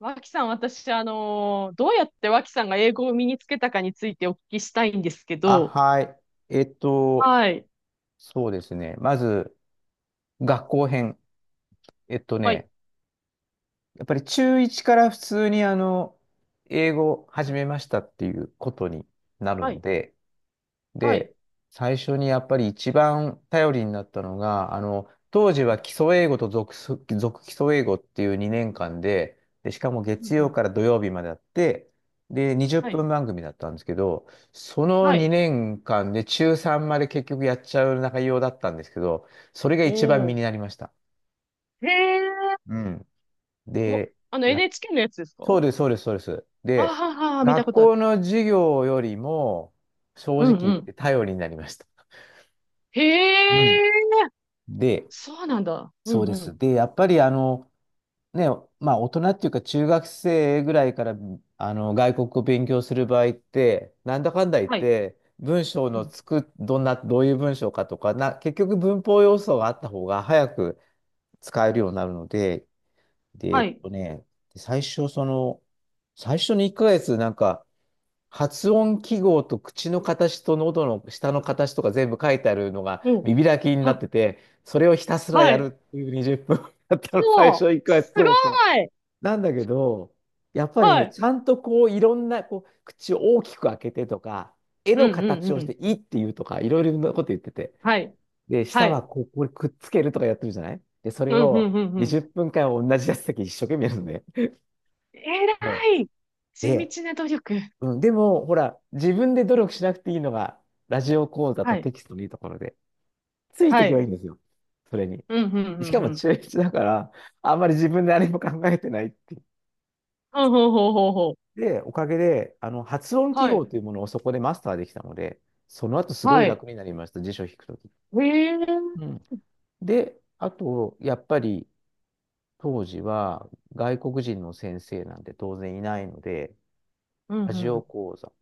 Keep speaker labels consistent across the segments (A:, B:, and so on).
A: 脇さん、私、どうやって脇さんが英語を身につけたかについてお聞きしたいんですけ
B: あ、
A: ど、
B: はい。えっと、
A: はい。
B: そうですね。まず、学校編。えっと
A: はい。
B: ね、やっぱり中1から普通に英語を始めましたっていうことになる
A: は
B: の
A: い。
B: で、
A: はい。
B: で、最初にやっぱり一番頼りになったのが、当時
A: うん、
B: は基礎英語と続基礎英語っていう2年間で、で、しかも
A: う
B: 月
A: ん、う
B: 曜
A: ん。
B: から土曜日まであって、で、20
A: はい。
B: 分番組だったんですけど、その
A: はい。
B: 2年間で中3まで結局やっちゃう内容だったんですけど、それが
A: お
B: 一番身
A: お。
B: になりました。
A: へえ。
B: うん。で、
A: あの
B: やっ、
A: NHK のやつですか
B: そ
A: あ？
B: うです、そうです、そうです。で、
A: はは、見た
B: 学
A: ことある。
B: 校の授業よりも、正
A: うん、
B: 直
A: う
B: 言っ
A: ん。
B: て頼りになりました。
A: へ
B: うん。
A: え。
B: で、
A: そうなんだ。う
B: そうで
A: ん、う
B: す。
A: ん。
B: で、やっぱりね、まあ大人っていうか中学生ぐらいから外国語勉強する場合って、なんだかんだ言っ
A: はい。
B: て、文章
A: う
B: の
A: ん。
B: つく、どんな、どういう文章かとか、結局文法要素があった方が早く使えるようになるので、で、
A: はい。
B: 最初その、最初の1ヶ月なんか、発音記号と口の形と喉の下の形とか全部書いてあるのが
A: おう。
B: 見開きになっ
A: は。
B: てて、それをひたすら
A: は
B: やるっ
A: い。
B: ていう20分だったの、最初
A: そ
B: 1
A: う、
B: 回。
A: すご
B: そうそう。
A: い。
B: なんだけど、やっぱり
A: は
B: ね、
A: い。
B: ちゃんとこういろんなこう口を大きく開けてとか、絵
A: う
B: の
A: ん、う
B: 形
A: ん、
B: を
A: う
B: し
A: ん。
B: ていいっていうとか、いろいろなこと言ってて。
A: はい。
B: で、
A: は
B: 舌は
A: い。
B: こう、これくっつけるとかやってるじゃないで、そ
A: う
B: れ
A: ん、うん、
B: を
A: うん、うん。
B: 20分間同じやつだけ一生懸命やるのね。
A: えら
B: そ
A: い
B: う。
A: 地
B: で、
A: 道な努力。
B: うん、でも、ほら、自分で努力しなくていいのが、ラジオ講座と
A: はい。
B: テキストのいいところで、ついて
A: は
B: いけばい
A: い。
B: いんですよ。それに。
A: うん、うん、う
B: しか
A: ん、う
B: も
A: ん。
B: 中1だから、あんまり自分で何も考えてないっていう。
A: ほうほうほうほうほう。
B: で、おかげで、発音記
A: はい。
B: 号というものをそこでマスターできたので、その後すごい
A: はい。
B: 楽になりました、辞書を引くとき。
A: へえ。
B: うん。で、あと、やっぱり、当時は外国人の先生なんて当然いないので、
A: うん、
B: ラ
A: う
B: ジオ
A: ん。
B: 講座。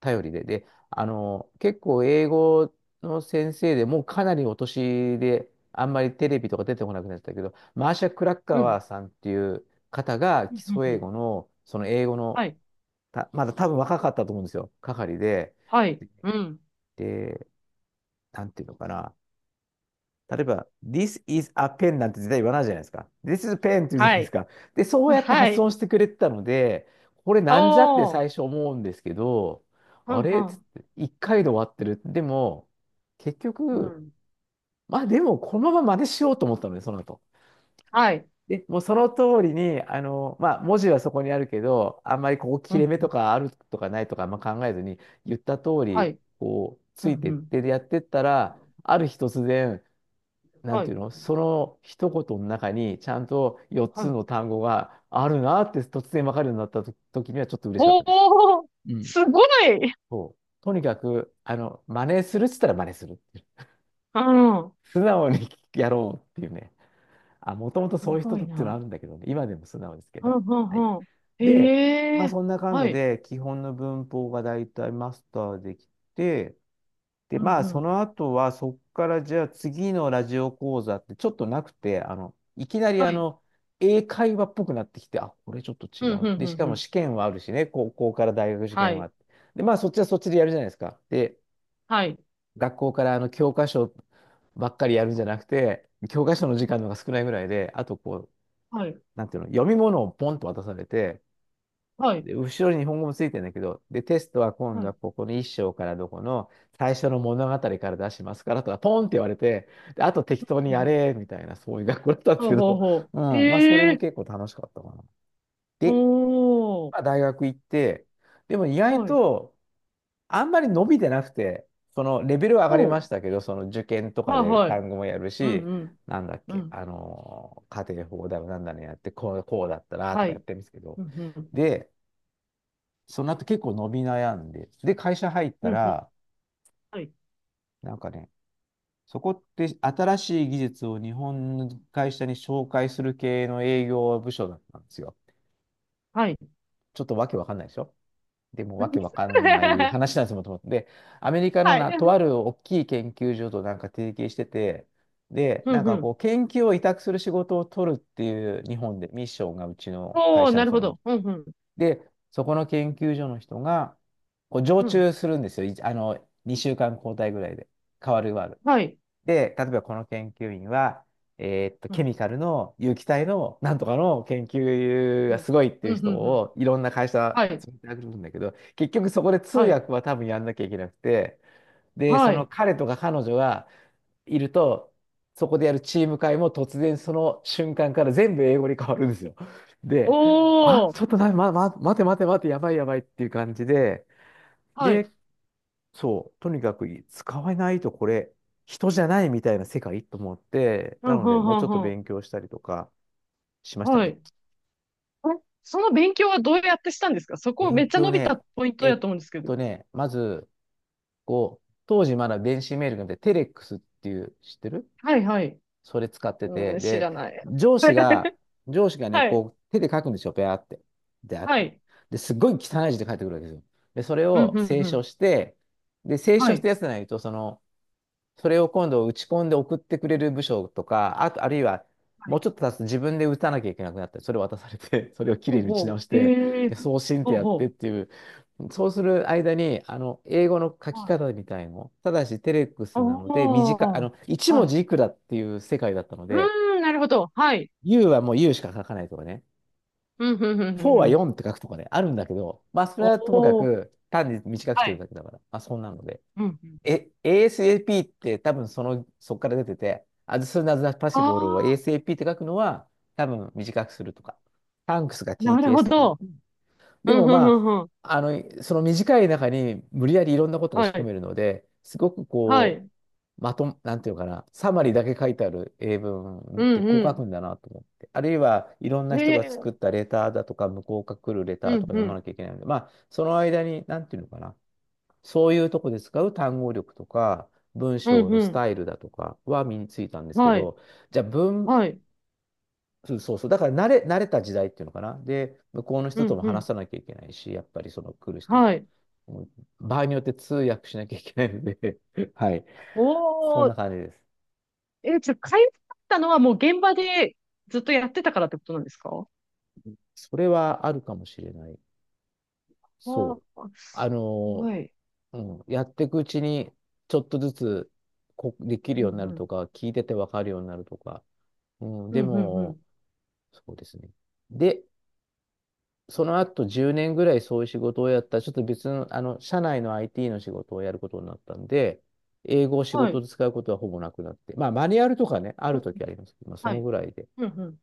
B: 頼りで。で、結構英語の先生でもうかなりお年で、あんまりテレビとか出てこなくなっちゃったけど、マーシャ・クラッカ
A: うん。
B: ワーさんっていう方が
A: う
B: 基
A: ん、う
B: 礎
A: ん、う
B: 英
A: ん。
B: 語の、その英語の、
A: はい。
B: たまだ多分若かったと思うんですよ、係で、
A: はい。うん。
B: で、なんていうのかな、例えば、This is a pen なんて絶対言わないじゃないですか。This is pen って言うじゃない
A: は
B: です
A: い。
B: か。で、そうやって
A: は
B: 発
A: い。
B: 音してくれてたので、これなんじゃって
A: お
B: 最
A: ー。
B: 初思うんですけど、
A: う
B: あ
A: ん、
B: れ
A: う
B: つっ
A: ん。
B: て一回で終わってる。でも、結
A: う
B: 局、
A: ん。
B: まあでも、このまま真似しようと思ったので、その後。
A: はい。
B: で、もうその通りに、まあ文字はそこにあるけど、あんまりここ
A: う
B: 切れ
A: ん、
B: 目
A: う
B: と
A: ん。
B: かあるとかないとかあんま考えずに、言った通
A: は
B: り、
A: い。
B: こう、
A: う
B: つ
A: ん、
B: いてっ
A: うん。
B: てやってったら、ある日突然、なん
A: は
B: ていう
A: い。
B: の、その一言の中にちゃんと4
A: は
B: つ
A: い。
B: の単語があるなって突然わかるようになったと時にはちょっと嬉しかっ
A: お
B: たです。
A: ー。
B: うん。
A: すごい。
B: そう。とにかく、真似するっつったら真似するっていう。
A: うん。
B: 素直にやろうっていうね。あ、もともとそう
A: す
B: いう人
A: ごい
B: っていうのはあ
A: な。
B: るんだけどね。今でも素直ですけ
A: うん、
B: ど。
A: う
B: はい。
A: ん、うん。
B: で、
A: へ
B: まあ
A: え。
B: そんな感
A: は
B: じ
A: い。
B: で基本の文法がだいたいマスターできて、で、
A: うん、
B: まあ、
A: う
B: そ
A: ん。
B: の後は、そこからじゃあ次のラジオ講座ってちょっとなくて、いきなり
A: はい。
B: 英会話っぽくなってきて、あ、これちょっと違
A: うん、うん、う
B: う。で、し
A: ん、
B: か
A: う
B: も
A: ん。
B: 試験はあるしね、高校から大学試
A: は
B: 験
A: い、
B: はで、まあ、そっちはそっちでやるじゃないですか。で、
A: はい、
B: 学校から教科書ばっかりやるんじゃなくて、教科書の時間の方が少ないぐらいで、あとこう、
A: はい、
B: なんていうの、読み物をポンと渡されて、
A: はい、
B: で、後ろに日本語もついてるんだけど、で、テストは今
A: は
B: 度は
A: い。
B: ここの一章からどこの最初の物語から出しますからとか、ポンって言われて、で、あと適当
A: う
B: に
A: ん、
B: や
A: うん。
B: れ、みたいな、そういう学校だったんです
A: ほう
B: け
A: ほう
B: ど、
A: ほ
B: うん、
A: う。
B: まあ、それ
A: へ
B: も
A: え。
B: 結構楽しかったかな。で、
A: ほ
B: まあ、
A: う。
B: 大学行って、でも意外
A: はい。
B: と、あんまり伸びてなくて、そのレベルは上がりま
A: ほ
B: し
A: う。
B: たけど、その受験とか
A: はい。
B: で
A: はい。
B: 単語もやる
A: うん、
B: し、
A: うん、
B: なんだっ
A: う
B: け、
A: ん。
B: 家庭法だろ、なんだねやって、こう、こうだったなと
A: は
B: かやっ
A: い。
B: てるんですけど、
A: うん、うん、
B: で、その後結構伸び悩んで、で、会社入った
A: うん、うん。
B: ら、
A: はい、
B: なんかね、そこって新しい技術を日本の会社に紹介する系の営業部署だったんですよ。
A: はい。
B: ちょっとわけわかんないでしょでもわけわかんない 話なんですもんと思って。で、アメリカの
A: はい。
B: な、とある大きい研究所となんか提携してて、で、
A: う
B: なん
A: ん、う
B: かこ
A: ん。
B: う、研究を委託する仕事を取るっていう日本でミッションがうちの会
A: おー、
B: 社の
A: なる
B: そ
A: ほ
B: の
A: ど。うん、うん、
B: で、そこの研究所の人が、こう常
A: うん。
B: 駐するんですよ。いあの、2週間交代ぐらいで。変わる変わる。
A: はい。
B: で、例えばこの研究員は、
A: う
B: ケ
A: ん、
B: ミカルの有機体のなんとかの研究
A: う
B: が
A: ん、
B: すごいって
A: う
B: い
A: ん、
B: う
A: うん、う
B: 人
A: ん。
B: をいろんな会社
A: はい、
B: 連れてくるんだけど、結局そこで通
A: はい、
B: 訳は多分やんなきゃいけなくて、で、そ
A: は
B: の
A: い。
B: 彼とか彼女はいると、そこでやるチーム会も突然その瞬間から全部英語に変わるんですよ。
A: お
B: で、あ、ちょっ
A: ー。
B: とな、待て待て待て、やばいやばいっていう感じで、
A: はい。
B: で、そう、とにかく使わないとこれ、人じゃないみたいな世界と思って、
A: うん、
B: なの
A: う
B: で、
A: ん、う
B: もうちょっと
A: ん、うん。
B: 勉強したりとかしました
A: は
B: ね。
A: い。えその勉強はどうやってしたんですか？そこめっ
B: 勉
A: ちゃ
B: 強
A: 伸びた
B: ね、
A: ポイント
B: え
A: や
B: っ
A: と思うんですけど。
B: まず、こう、当時まだ電子メールがなくて、テレックスっていう、知ってる
A: はいはい。
B: それ使ってて、
A: うん、知
B: で、
A: らない。
B: 上司が、上司がね、
A: はい。
B: こう、手で書くんですよ、ペアって。で、あっ
A: は
B: て。
A: い。
B: で、すっごい汚い字で書いてくるわけですよ。で、それ
A: うん、
B: を
A: うん、
B: 清
A: う
B: 書
A: ん。
B: して、で、清
A: は
B: 書した
A: い。
B: やつじゃないと、その、それを今度打ち込んで送ってくれる部署とか、あと、あるいは、
A: は
B: もう
A: い。
B: ちょっと経つと自分で打たなきゃいけなくなって、それを渡されて、それをき
A: ほ
B: れい
A: う
B: に打ち直
A: ほ
B: し
A: う。
B: て、
A: へえ。
B: で、送信っ
A: ほ
B: て
A: う
B: やってっ
A: ほ
B: ていう、そうする間に、英語の書
A: う。
B: き
A: はい。
B: 方みたいの、ただしテレックス
A: あ
B: なので、短い、
A: あ。はい。
B: 1文字いくらっていう世界だったの
A: う
B: で、
A: ーん、なるほど。はい。
B: U はもう U しか書かないとかね、
A: うん、うん、うん、う
B: 4
A: ん
B: は
A: うん。
B: 4って書くとかね、あるんだけど、まあ、それはともか
A: おお。
B: く、単に短くし
A: は
B: てる
A: い。
B: だけだから、まあ、そんなので。
A: うん。うん。
B: え、ASAP って多分その、そこから出てて、as soon as
A: あ
B: possible を
A: あ、
B: ASAP って書くのは多分短くするとか、thanks が
A: なるほ
B: TKS とかね。
A: ど。
B: うん。
A: う
B: で
A: ん、う
B: も
A: ん、う
B: ま
A: ん、うん。
B: あ、その短い中に無理やりいろんなことを
A: は
B: 押し込め
A: い。
B: るので、すごく
A: は
B: こ
A: い。
B: う、なんていうのかな、サマリーだけ書いてある英文
A: う
B: ってこう
A: ん、
B: 書
A: う
B: くんだなと思って。あるいはいろんな
A: ん。
B: 人が
A: へ
B: 作っ
A: え。
B: たレターだとか、向こうから来るレター
A: う
B: と
A: ん、
B: か
A: う
B: 読ま
A: ん。
B: なきゃいけないので、まあ、その間に、なんていうのかな、そういうとこで使う単語力とか、文
A: う
B: 章
A: ん、
B: の
A: う
B: ス
A: ん。
B: タイルだとかは身についたんですけ
A: はい。
B: ど、じゃあ文、
A: はい。
B: そうそうそう、だから慣れた時代っていうのかな。で、向こうの
A: う
B: 人と
A: ん
B: も
A: う
B: 話
A: ん。
B: さなきゃいけないし、やっぱりその来る人
A: は
B: と。
A: い。
B: もう場合によって通訳しなきゃいけないので はい。そ
A: お
B: ん
A: ー。
B: な感じです。
A: え、じゃあ、かゆかったのはもう現場でずっとやってたからってことなんですか？
B: それはあるかもしれない。
A: あ
B: そ
A: ー、
B: う。あ
A: すご
B: の、
A: い。
B: うん、やっていくうちに、ちょっとずつできる
A: う
B: よ
A: ん
B: うにな
A: う
B: る
A: ん。
B: とか、聞いててわかるようになるとか。うん、
A: うん
B: で
A: うんう
B: も、
A: ん。
B: そうですね。で、その後10年ぐらいそういう仕事をやったら、ちょっと別の、社内の IT の仕事をやることになったんで、英語を仕
A: は
B: 事
A: い。
B: で使うことはほぼなくなって、まあ、マニュアルとかね、あ
A: う
B: る
A: ん。
B: 時ありますけど、まあ、そ
A: は
B: の
A: い。
B: ぐらいで、
A: うんうん。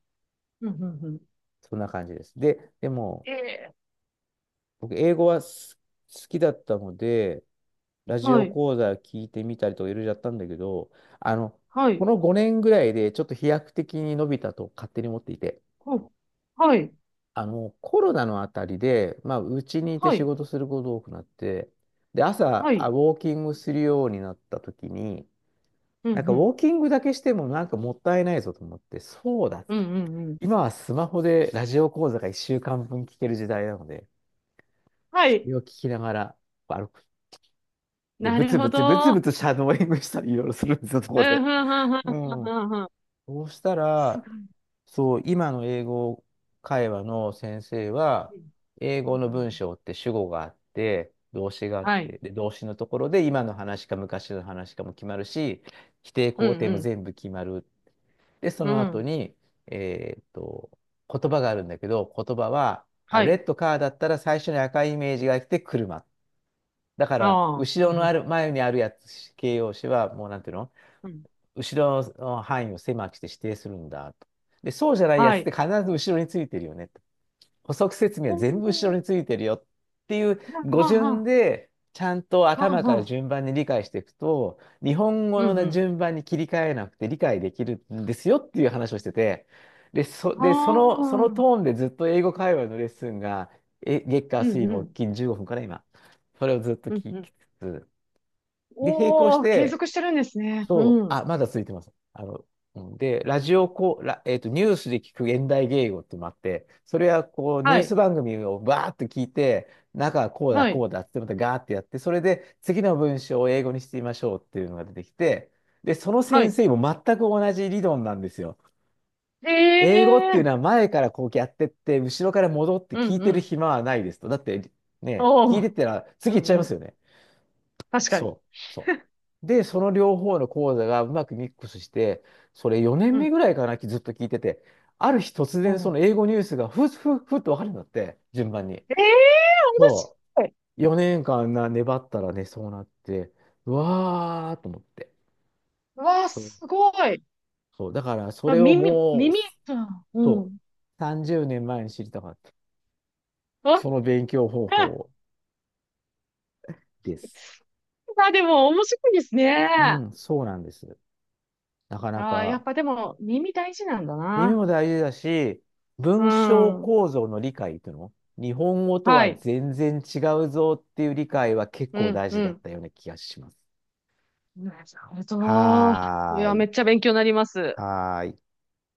A: うんうんうん。
B: そんな感じです。で、でも、
A: ええ。
B: 僕、英語は好きだったので、ラジ
A: は
B: オ
A: い。
B: 講座聞いてみたりとかいろいろやったんだけど、あの、
A: は
B: こ
A: い。
B: の5年ぐらいでちょっと飛躍的に伸びたと勝手に思っていて、
A: ほう。はい。
B: コロナのあたりで、まあ、うちにいて
A: は
B: 仕
A: い。
B: 事することが多くなって、で、朝、
A: は
B: ウ
A: い。
B: ォーキングするようになった時に、
A: うん
B: なんか
A: う
B: ウ
A: ん。
B: ォーキングだけしてもなんかもったいないぞと思って、そうだっ
A: ええはいはい
B: て。
A: ほはいはいはいうんうんうん。
B: 今はスマホでラジオ講座が1週間分聞ける時代なので、
A: は
B: そ
A: い。
B: れを聞きながら歩く。で、
A: な
B: ブ
A: る
B: ツ
A: ほ
B: ブツブツ
A: ど。うん
B: ブツシャドーイングしたりいろいろするんですよ、そ
A: う
B: こ
A: んう
B: で。
A: んうん
B: うん。
A: うんうん。
B: そうした
A: すご
B: ら、
A: い。
B: そう、今の英語会話の先生は、英
A: うんう
B: 語の
A: ん。
B: 文章って主語があって、動詞があっ
A: はい。
B: て、で、動詞のところで今の話か昔の話かも決まるし、否定
A: う
B: 肯
A: ん
B: 定
A: う
B: も
A: ん。
B: 全部決まる。で、そ
A: う
B: の後
A: ん。
B: に、えーっと、言葉があるんだけど、言葉は、あ、
A: は
B: レ
A: い。
B: ッドカーだったら最初に赤いイメージが来て車。だから、
A: ああ、う
B: 後ろ
A: ん、
B: の
A: うん、
B: ある、前にあるやつ、形容詞は、もうなんていうの、
A: うん。
B: 後ろの範囲を狭くして指定するんだと。で、そうじゃないや
A: は
B: つって
A: い。
B: 必ず後ろについてるよねと。補足説明は
A: お
B: 全部後ろ
A: お。
B: についてるよっていう
A: はん
B: 語
A: はんは
B: 順
A: ん、
B: で、ちゃんと
A: はん
B: 頭か
A: は
B: ら
A: ん。
B: 順番に理解していくと、日本語
A: うん、う
B: の
A: ん。
B: 順番に切り替えなくて理解できるんですよっていう話をしてて、で、そ、
A: あ
B: で、そ
A: あ、
B: の、その
A: うん、
B: トーンでずっと英語会話のレッスンが、月火
A: う
B: 水木
A: ん、
B: 金15分から今、それをずっと
A: うん、
B: 聞
A: うん。
B: きつつ、で、並行し
A: おお、継
B: て、
A: 続してるんですね。
B: そう、
A: うん。
B: あ、まだ続いてます。うんで、ラジオこう、ニュースで聞く現代芸語ってのもあって、それはこう、ニュ
A: は
B: ース
A: い、
B: 番組をバーッと聞いて、中はこうだ、
A: は
B: こ
A: い、
B: うだってまたガーってやって、それで次の文章を英語にしてみましょうっていうのが出てきて、で、その
A: は
B: 先
A: い。
B: 生も全く同じ理論なんですよ。英語って
A: え
B: いうの
A: え。
B: は前からこうやってって、後ろから戻って
A: う
B: 聞
A: ん、
B: い
A: う
B: てる
A: ん。
B: 暇はないですと。だって、ね、
A: お
B: 聞いてっ
A: お、
B: たら
A: う
B: 次行っちゃいま
A: ん、う
B: す
A: ん。
B: よね。
A: 確かに。
B: そう、そう。で、その両方の講座がうまくミックスして、それ4年
A: う
B: 目
A: ん。
B: ぐらいかな、ずっと聞いてて、ある日突
A: お
B: 然その
A: お。
B: 英語ニュースがふっふっふっと分かるんだって、順番に。
A: ええ、面
B: そ
A: 白い。
B: う。4年間粘ったらね、そうなって、うわーと思って。
A: うわあ、
B: そう。
A: すごい。
B: そう。だからそ
A: あ、
B: れを
A: 耳、
B: もう、
A: 耳。うん。う
B: そう。
A: ん。
B: 30年前に知りたかった。
A: あ、
B: その勉強方法です。
A: あ、でも面白いです
B: う
A: ね。
B: ん、そうなんです。なかな
A: ああ、やっ
B: か。
A: ぱでも耳大事なんだ
B: 耳
A: な。
B: も大事だし、
A: う
B: 文章
A: ん。
B: 構造の理解っていうの日本語と
A: は
B: は
A: い。
B: 全然違うぞっていう理解は結
A: う
B: 構
A: ん、
B: 大事
A: う
B: だっ
A: ん。
B: たような気がします。
A: なるほど。い
B: はー
A: や、め
B: い。
A: っちゃ勉強になります。
B: はーい。